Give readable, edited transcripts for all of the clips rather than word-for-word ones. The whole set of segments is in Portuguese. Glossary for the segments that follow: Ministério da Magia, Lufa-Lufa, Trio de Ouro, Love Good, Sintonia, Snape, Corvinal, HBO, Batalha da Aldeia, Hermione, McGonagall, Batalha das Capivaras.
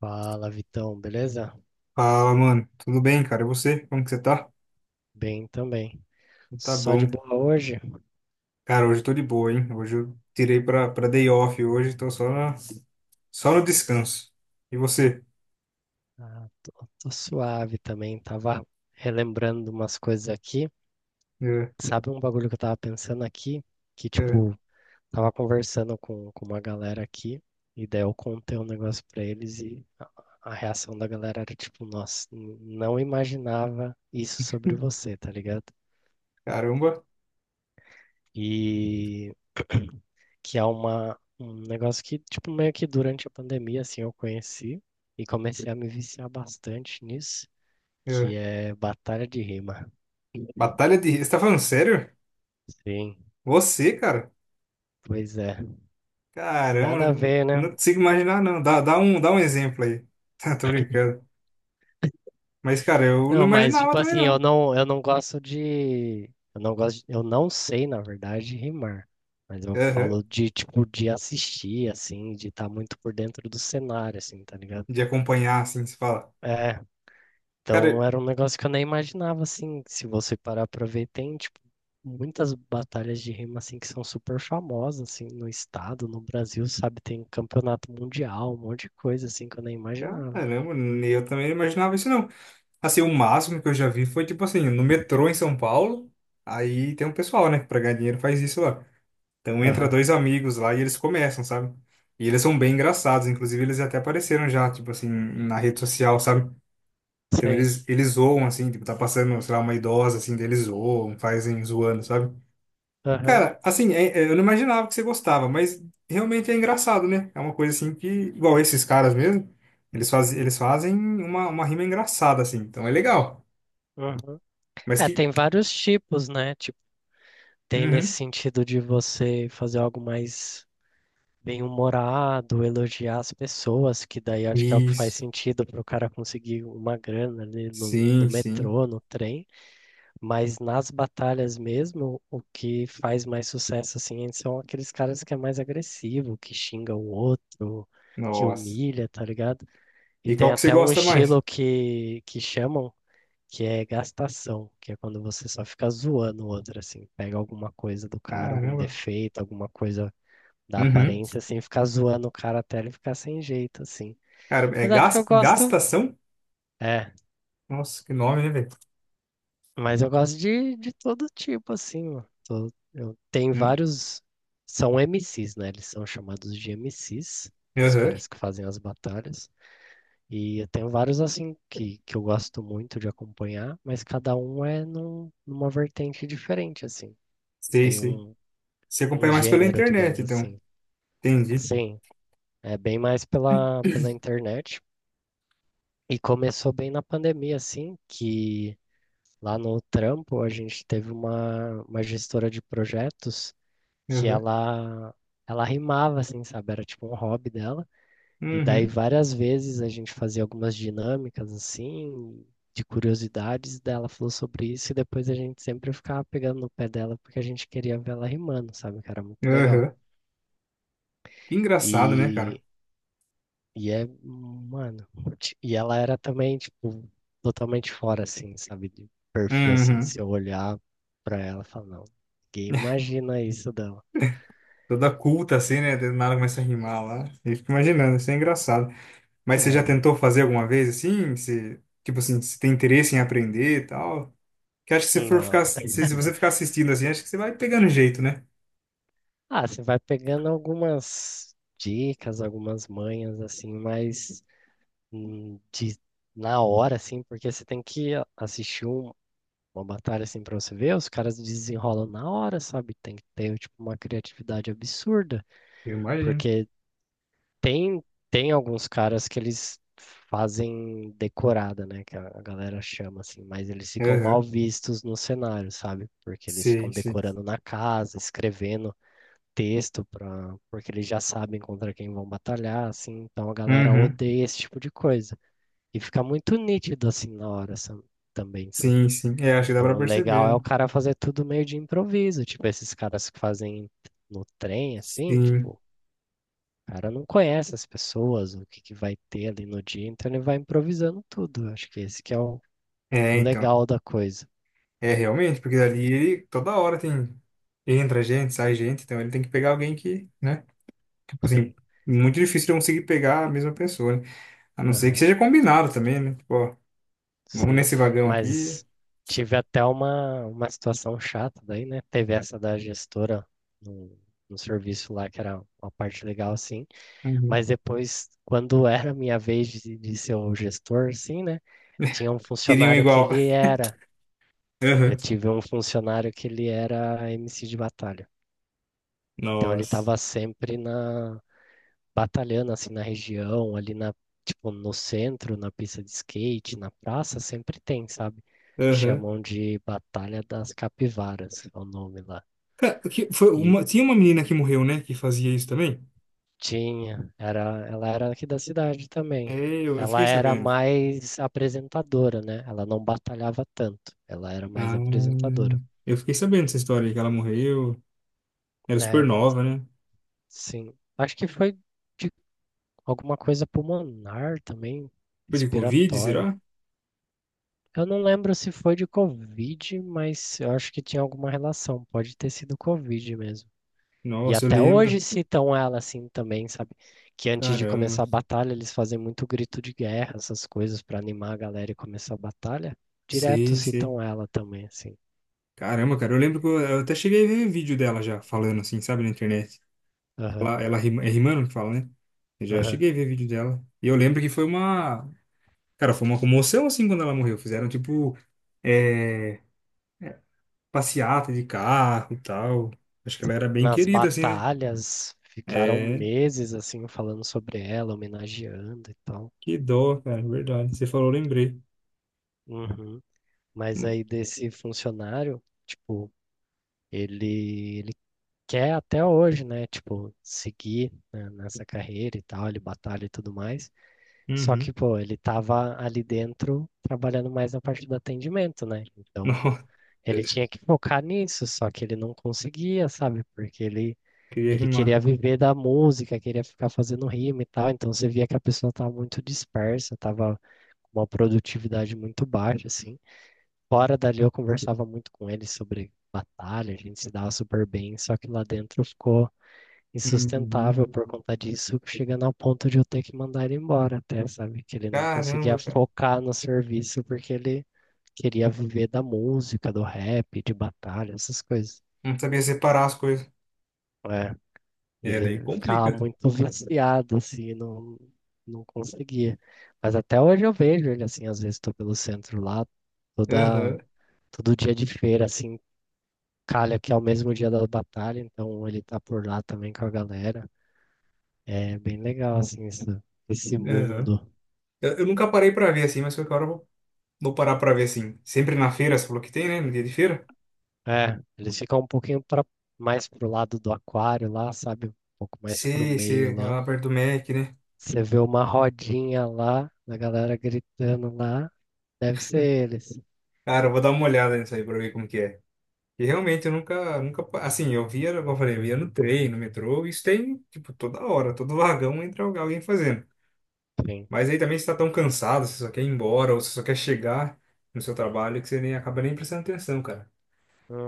Fala, Vitão, beleza? Fala, mano. Tudo bem, cara? E você? Como que você tá? Bem também. Tá Só de bom. boa hoje? Cara, hoje eu tô de boa, hein? Hoje eu tirei pra day off hoje, tô só, na, só no descanso. E você? Ah, tô, tô suave também. Tava relembrando umas coisas aqui. É, Sabe um bagulho que eu tava pensando aqui? Que, é. tipo, tava conversando com uma galera aqui, e daí eu contei um negócio pra eles e a reação da galera era tipo, nossa, não imaginava isso sobre você, tá ligado? Caramba. E que é um negócio que, tipo, meio que durante a pandemia, assim, eu conheci e comecei a me viciar bastante nisso, É. que é batalha de rima. Batalha de... Você tá falando sério? Sim, Você, cara? pois é. Caramba, Nada a não ver, né? não consigo imaginar, não. Dá um exemplo aí. Tô brincando. Mas, cara, eu não Não, mas, imaginava tipo também, assim, não. Eu não gosto de... Eu não gosto, eu não sei, na verdade, rimar. Mas eu Aham. falo de, tipo, de assistir, assim, de estar muito por dentro do cenário, assim, tá ligado? De acompanhar, assim, se fala. É. Cara, Então era um negócio que eu nem imaginava, assim, se você parar pra ver, tem, tipo, muitas batalhas de rima, assim, que são super famosas, assim, no estado, no Brasil, sabe? Tem campeonato mundial, um monte de coisa, assim, que eu nem imaginava. caramba, eu também não imaginava isso, não. Assim, o máximo que eu já vi foi, tipo assim, no metrô em São Paulo, aí tem um pessoal, né, que pra ganhar dinheiro faz isso lá. Então entra Aham, dois amigos lá e eles começam, sabe? E eles são bem engraçados, inclusive eles até apareceram já, tipo assim, na rede social, sabe? Então sei. eles zoam, assim, tipo, tá passando, sei lá, uma idosa, assim, deles zoam, fazem zoando, sabe? Aham, Cara, assim, eu não imaginava que você gostava, mas realmente é engraçado, né? É uma coisa assim que, igual esses caras mesmo, eles fazem uma rima engraçada, assim, então é legal. aham. Mas É, que, tem vários tipos, né? Tipo, tem nesse uhum. sentido de você fazer algo mais bem-humorado, elogiar as pessoas, que daí acho que é o que faz Isso. sentido para o cara conseguir uma grana ali no Sim, sim. metrô, no trem. Mas nas batalhas mesmo, o que faz mais sucesso assim são aqueles caras que é mais agressivo, que xinga o outro, que Nossa. humilha, tá ligado? E E tem qual que você até um gosta mais? estilo que chamam que é gastação, que é quando você só fica zoando o outro, assim, pega alguma coisa do cara, algum Caramba. defeito, alguma coisa da Uhum. aparência, assim, fica zoando o cara até ele ficar sem jeito, assim. Cara, é Mas acho que eu gosto. gastação? É, Nossa, que nome, né, velho? mas eu gosto de todo tipo, assim. Ó. Eu tenho Hum. vários. São MCs, né? Eles são chamados de MCs, os Aham. caras que fazem as batalhas. E eu tenho vários, assim, que eu gosto muito de acompanhar, mas cada um é numa vertente diferente, assim. Sei, Tem sei. um, Você um acompanha mais pela gênero, digamos internet, então. assim. Entendi. Sim, é bem mais pela internet. E começou bem na pandemia, assim, que lá no trampo a gente teve uma gestora de projetos que Aham. Ela rimava assim, sabe? Era tipo um hobby dela. E daí Uhum. várias vezes a gente fazia algumas dinâmicas assim, de curiosidades dela falou sobre isso e depois a gente sempre ficava pegando no pé dela porque a gente queria ver ela rimando, sabe? Que era muito legal. Aham. Que engraçado, né, cara? E e é, mano, e ela era também tipo totalmente fora assim, sabe? De perfil assim, se Uhum. eu olhar pra ela, e falar, não, ninguém imagina isso dela. Toda culta assim, né? Do nada começa a rimar lá. Eu fico imaginando, isso é engraçado. Mas você já É, tentou fazer alguma vez assim? Você, tipo assim, você tem interesse em aprender e tal? Que acho que se for não. ficar, se você ficar assistindo assim, acho que você vai pegando jeito, né? Ah, você vai pegando algumas dicas, algumas manhas, assim, mas hum, de, na hora, assim, porque você tem que assistir uma batalha, assim, pra você ver, os caras desenrolam na hora, sabe? Tem que ter, tipo, uma criatividade absurda, Eu imagino. porque tem, tem alguns caras que eles fazem decorada, né, que a galera chama, assim, mas eles ficam mal Aham. vistos no cenário, sabe? Porque eles ficam Sim, sim. decorando na casa, escrevendo texto para, porque eles já sabem contra quem vão batalhar, assim, então a galera Uhum. odeia esse tipo de coisa. E fica muito nítido assim na hora também, sabe? Sim, sim. É, acho que dá Então pra o legal é o perceber. cara fazer tudo meio de improviso, tipo esses caras que fazem no trem assim, Sim. tipo, o cara não conhece as pessoas, o que que vai ter ali no dia, então ele vai improvisando tudo. Eu acho que esse que é É, o então. legal da coisa. É, realmente, porque ali ele toda hora tem. Entra gente, sai gente, então ele tem que pegar alguém que, né? Tipo assim, Sim. muito difícil de conseguir pegar a mesma pessoa, né? A não ser que Aham. seja combinado também, né? Tipo, ó, vamos Sim, nesse vagão aqui. mas tive até uma situação chata daí, né? Teve essa da gestora no, no serviço lá, que era uma parte legal, sim. Uhum. Mas depois, quando era minha vez de ser o gestor, sim, né? Tinha um Queriam funcionário que igual. ele era. Aham. Eu tive um funcionário que ele era MC de batalha. Então ele Nossa. estava sempre na, batalhando assim na região, ali na, tipo, no centro, na pista de skate, na praça, sempre tem, sabe? Aham. Chamam de Batalha das Capivaras, é o nome lá. Cara, que foi E uma, tinha uma menina que morreu, né? Que fazia isso também? tinha, era, ela era aqui da cidade É, também. eu Ela fiquei era sabendo. mais apresentadora, né? Ela não batalhava tanto. Ela era mais Ah, apresentadora. eu fiquei sabendo dessa história aí, que ela morreu. Era super É, nova, né? sim. Acho que foi de alguma coisa pulmonar também, Foi de Covid, respiratória. será? Eu não lembro se foi de Covid, mas eu acho que tinha alguma relação. Pode ter sido Covid mesmo. E Nossa, eu até lembro. hoje citam ela assim também, sabe? Que antes de Caramba. começar a batalha, eles fazem muito grito de guerra, essas coisas pra animar a galera e começar a batalha. Direto Sei, sei. citam ela também, assim. Caramba, cara, eu lembro que eu até cheguei a ver vídeo dela já, falando assim, sabe, na internet. Aham, É rimando que fala, né? Eu já aham. cheguei a ver vídeo dela. E eu lembro que foi uma. Cara, foi uma comoção assim quando ela morreu. Fizeram tipo. É, passeata de carro e tal. Acho que ela era bem Nas querida, assim, né? batalhas, ficaram É, meses assim falando sobre ela, homenageando e tal. que dó, cara, verdade. Você falou, eu lembrei. Uhum. Mas Uhum. aí desse funcionário, tipo, ele quer até hoje, né? Tipo, seguir, né, nessa carreira e tal, ele batalha e tudo mais. Só que, pô, ele tava ali dentro trabalhando mais na parte do atendimento, né? Então, Nossa, ele tinha que focar nisso, só que ele não conseguia, sabe? Porque queria ele rimar. queria viver da música, queria ficar fazendo rima e tal. Então, você via que a pessoa tava muito dispersa, tava uma produtividade muito baixa, assim. Fora dali eu conversava muito com ele sobre batalha, a gente se dava super bem, só que lá dentro ficou Uhum. insustentável por conta disso, chegando ao ponto de eu ter que mandar ele embora até, sabe? Que ele não conseguia Caramba, cara. focar no serviço porque ele queria viver da música, do rap, de batalha, essas coisas. Não sabia separar as coisas. É, e É, daí ele complica. ficava muito viciado, assim, não conseguia. Mas até hoje eu vejo ele, assim, às vezes estou pelo centro lá, Aham, toda, todo dia de feira, assim, calha que é o mesmo dia da batalha, então ele tá por lá também com a galera. É bem legal, assim, esse aham. mundo. Eu nunca parei pra ver assim, mas qualquer hora eu vou parar pra ver assim. Sempre na feira, você falou que tem, né? No dia de feira? É, eles ficam um pouquinho pra, mais pro lado do aquário lá, sabe? Um pouco mais pro Sei, meio sei, é lá. lá perto do Mac, né? Você vê uma rodinha lá, da galera gritando lá. Deve ser eles. Cara, eu vou dar uma olhada nisso aí pra ver como que é. E realmente eu nunca, nunca, pa- assim, eu via, como eu falei, eu via no trem, no metrô, isso tem, tipo, toda hora, todo vagão entra alguém fazendo. Sim. Mas aí também você tá tão cansado, você só quer ir embora, ou você só quer chegar no seu trabalho, que você nem acaba nem prestando atenção, cara.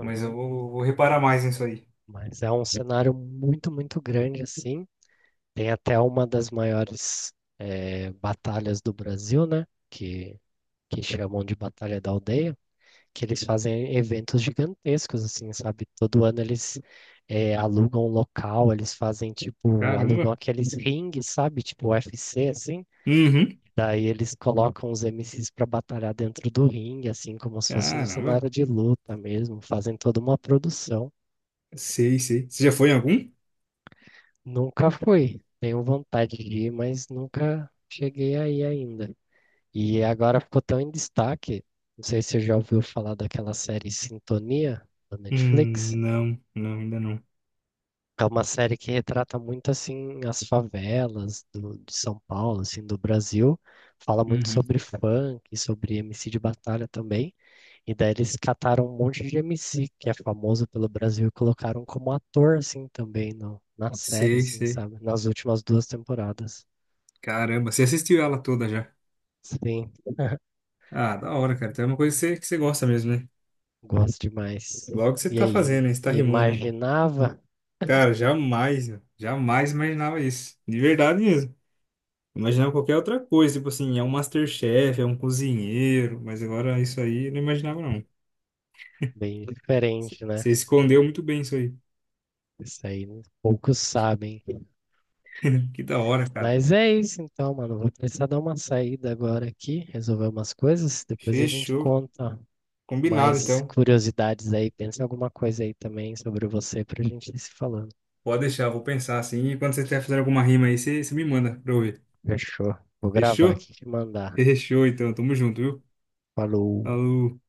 Mas eu vou reparar mais nisso aí. Mas é um cenário muito, muito grande, assim. Tem até uma das maiores, batalhas do Brasil, né? Que chamam de Batalha da Aldeia, que eles fazem eventos gigantescos, assim, sabe? Todo ano eles alugam um local, eles fazem, tipo, alugam Caramba. aqueles rings, sabe? Tipo UFC, assim. Uhum. Daí eles colocam os MCs para batalhar dentro do ringue, assim, como se fosse um Caramba. cenário de luta mesmo. Fazem toda uma produção. Sei, sei. Você já foi em algum? Nunca fui. Tenho vontade de ir, mas nunca cheguei aí ainda. E agora ficou tão em destaque. Não sei se você já ouviu falar daquela série Sintonia da Netflix. Não, não, ainda não. É uma série que retrata muito assim as favelas de São Paulo, assim, do Brasil. Fala muito Uhum. sobre funk, sobre MC de batalha também. E daí eles cataram um monte de MC que é famoso pelo Brasil e colocaram como ator assim também no, na série, Sei, assim, sei. sabe? Nas últimas duas temporadas. Caramba, você assistiu ela toda já. Sim, Ah, da hora, cara. Então é uma coisa que que você gosta mesmo, né? gosto demais. Logo que você E tá aí, fazendo, hein? Você tá rimando aí. imaginava Cara, jamais, meu. Jamais imaginava isso. De verdade mesmo. Imaginava qualquer outra coisa, tipo assim, é um MasterChef, é um cozinheiro, mas agora isso aí eu não imaginava não. bem Você diferente, você né? escondeu muito bem isso aí. Isso aí né? Poucos sabem. Que da hora, cara. Mas é isso então, mano. Vou precisar dar uma saída agora aqui, resolver umas coisas. Depois a gente Fechou. conta Combinado, mais então. curiosidades aí. Pensa em alguma coisa aí também sobre você pra gente ir se falando. Pode deixar, vou pensar assim. E quando você estiver fazendo alguma rima aí, você me manda pra eu ver. Fechou. Vou gravar Fechou? aqui e te mandar. Fechou, então. Tamo junto, viu? Falou. Falou.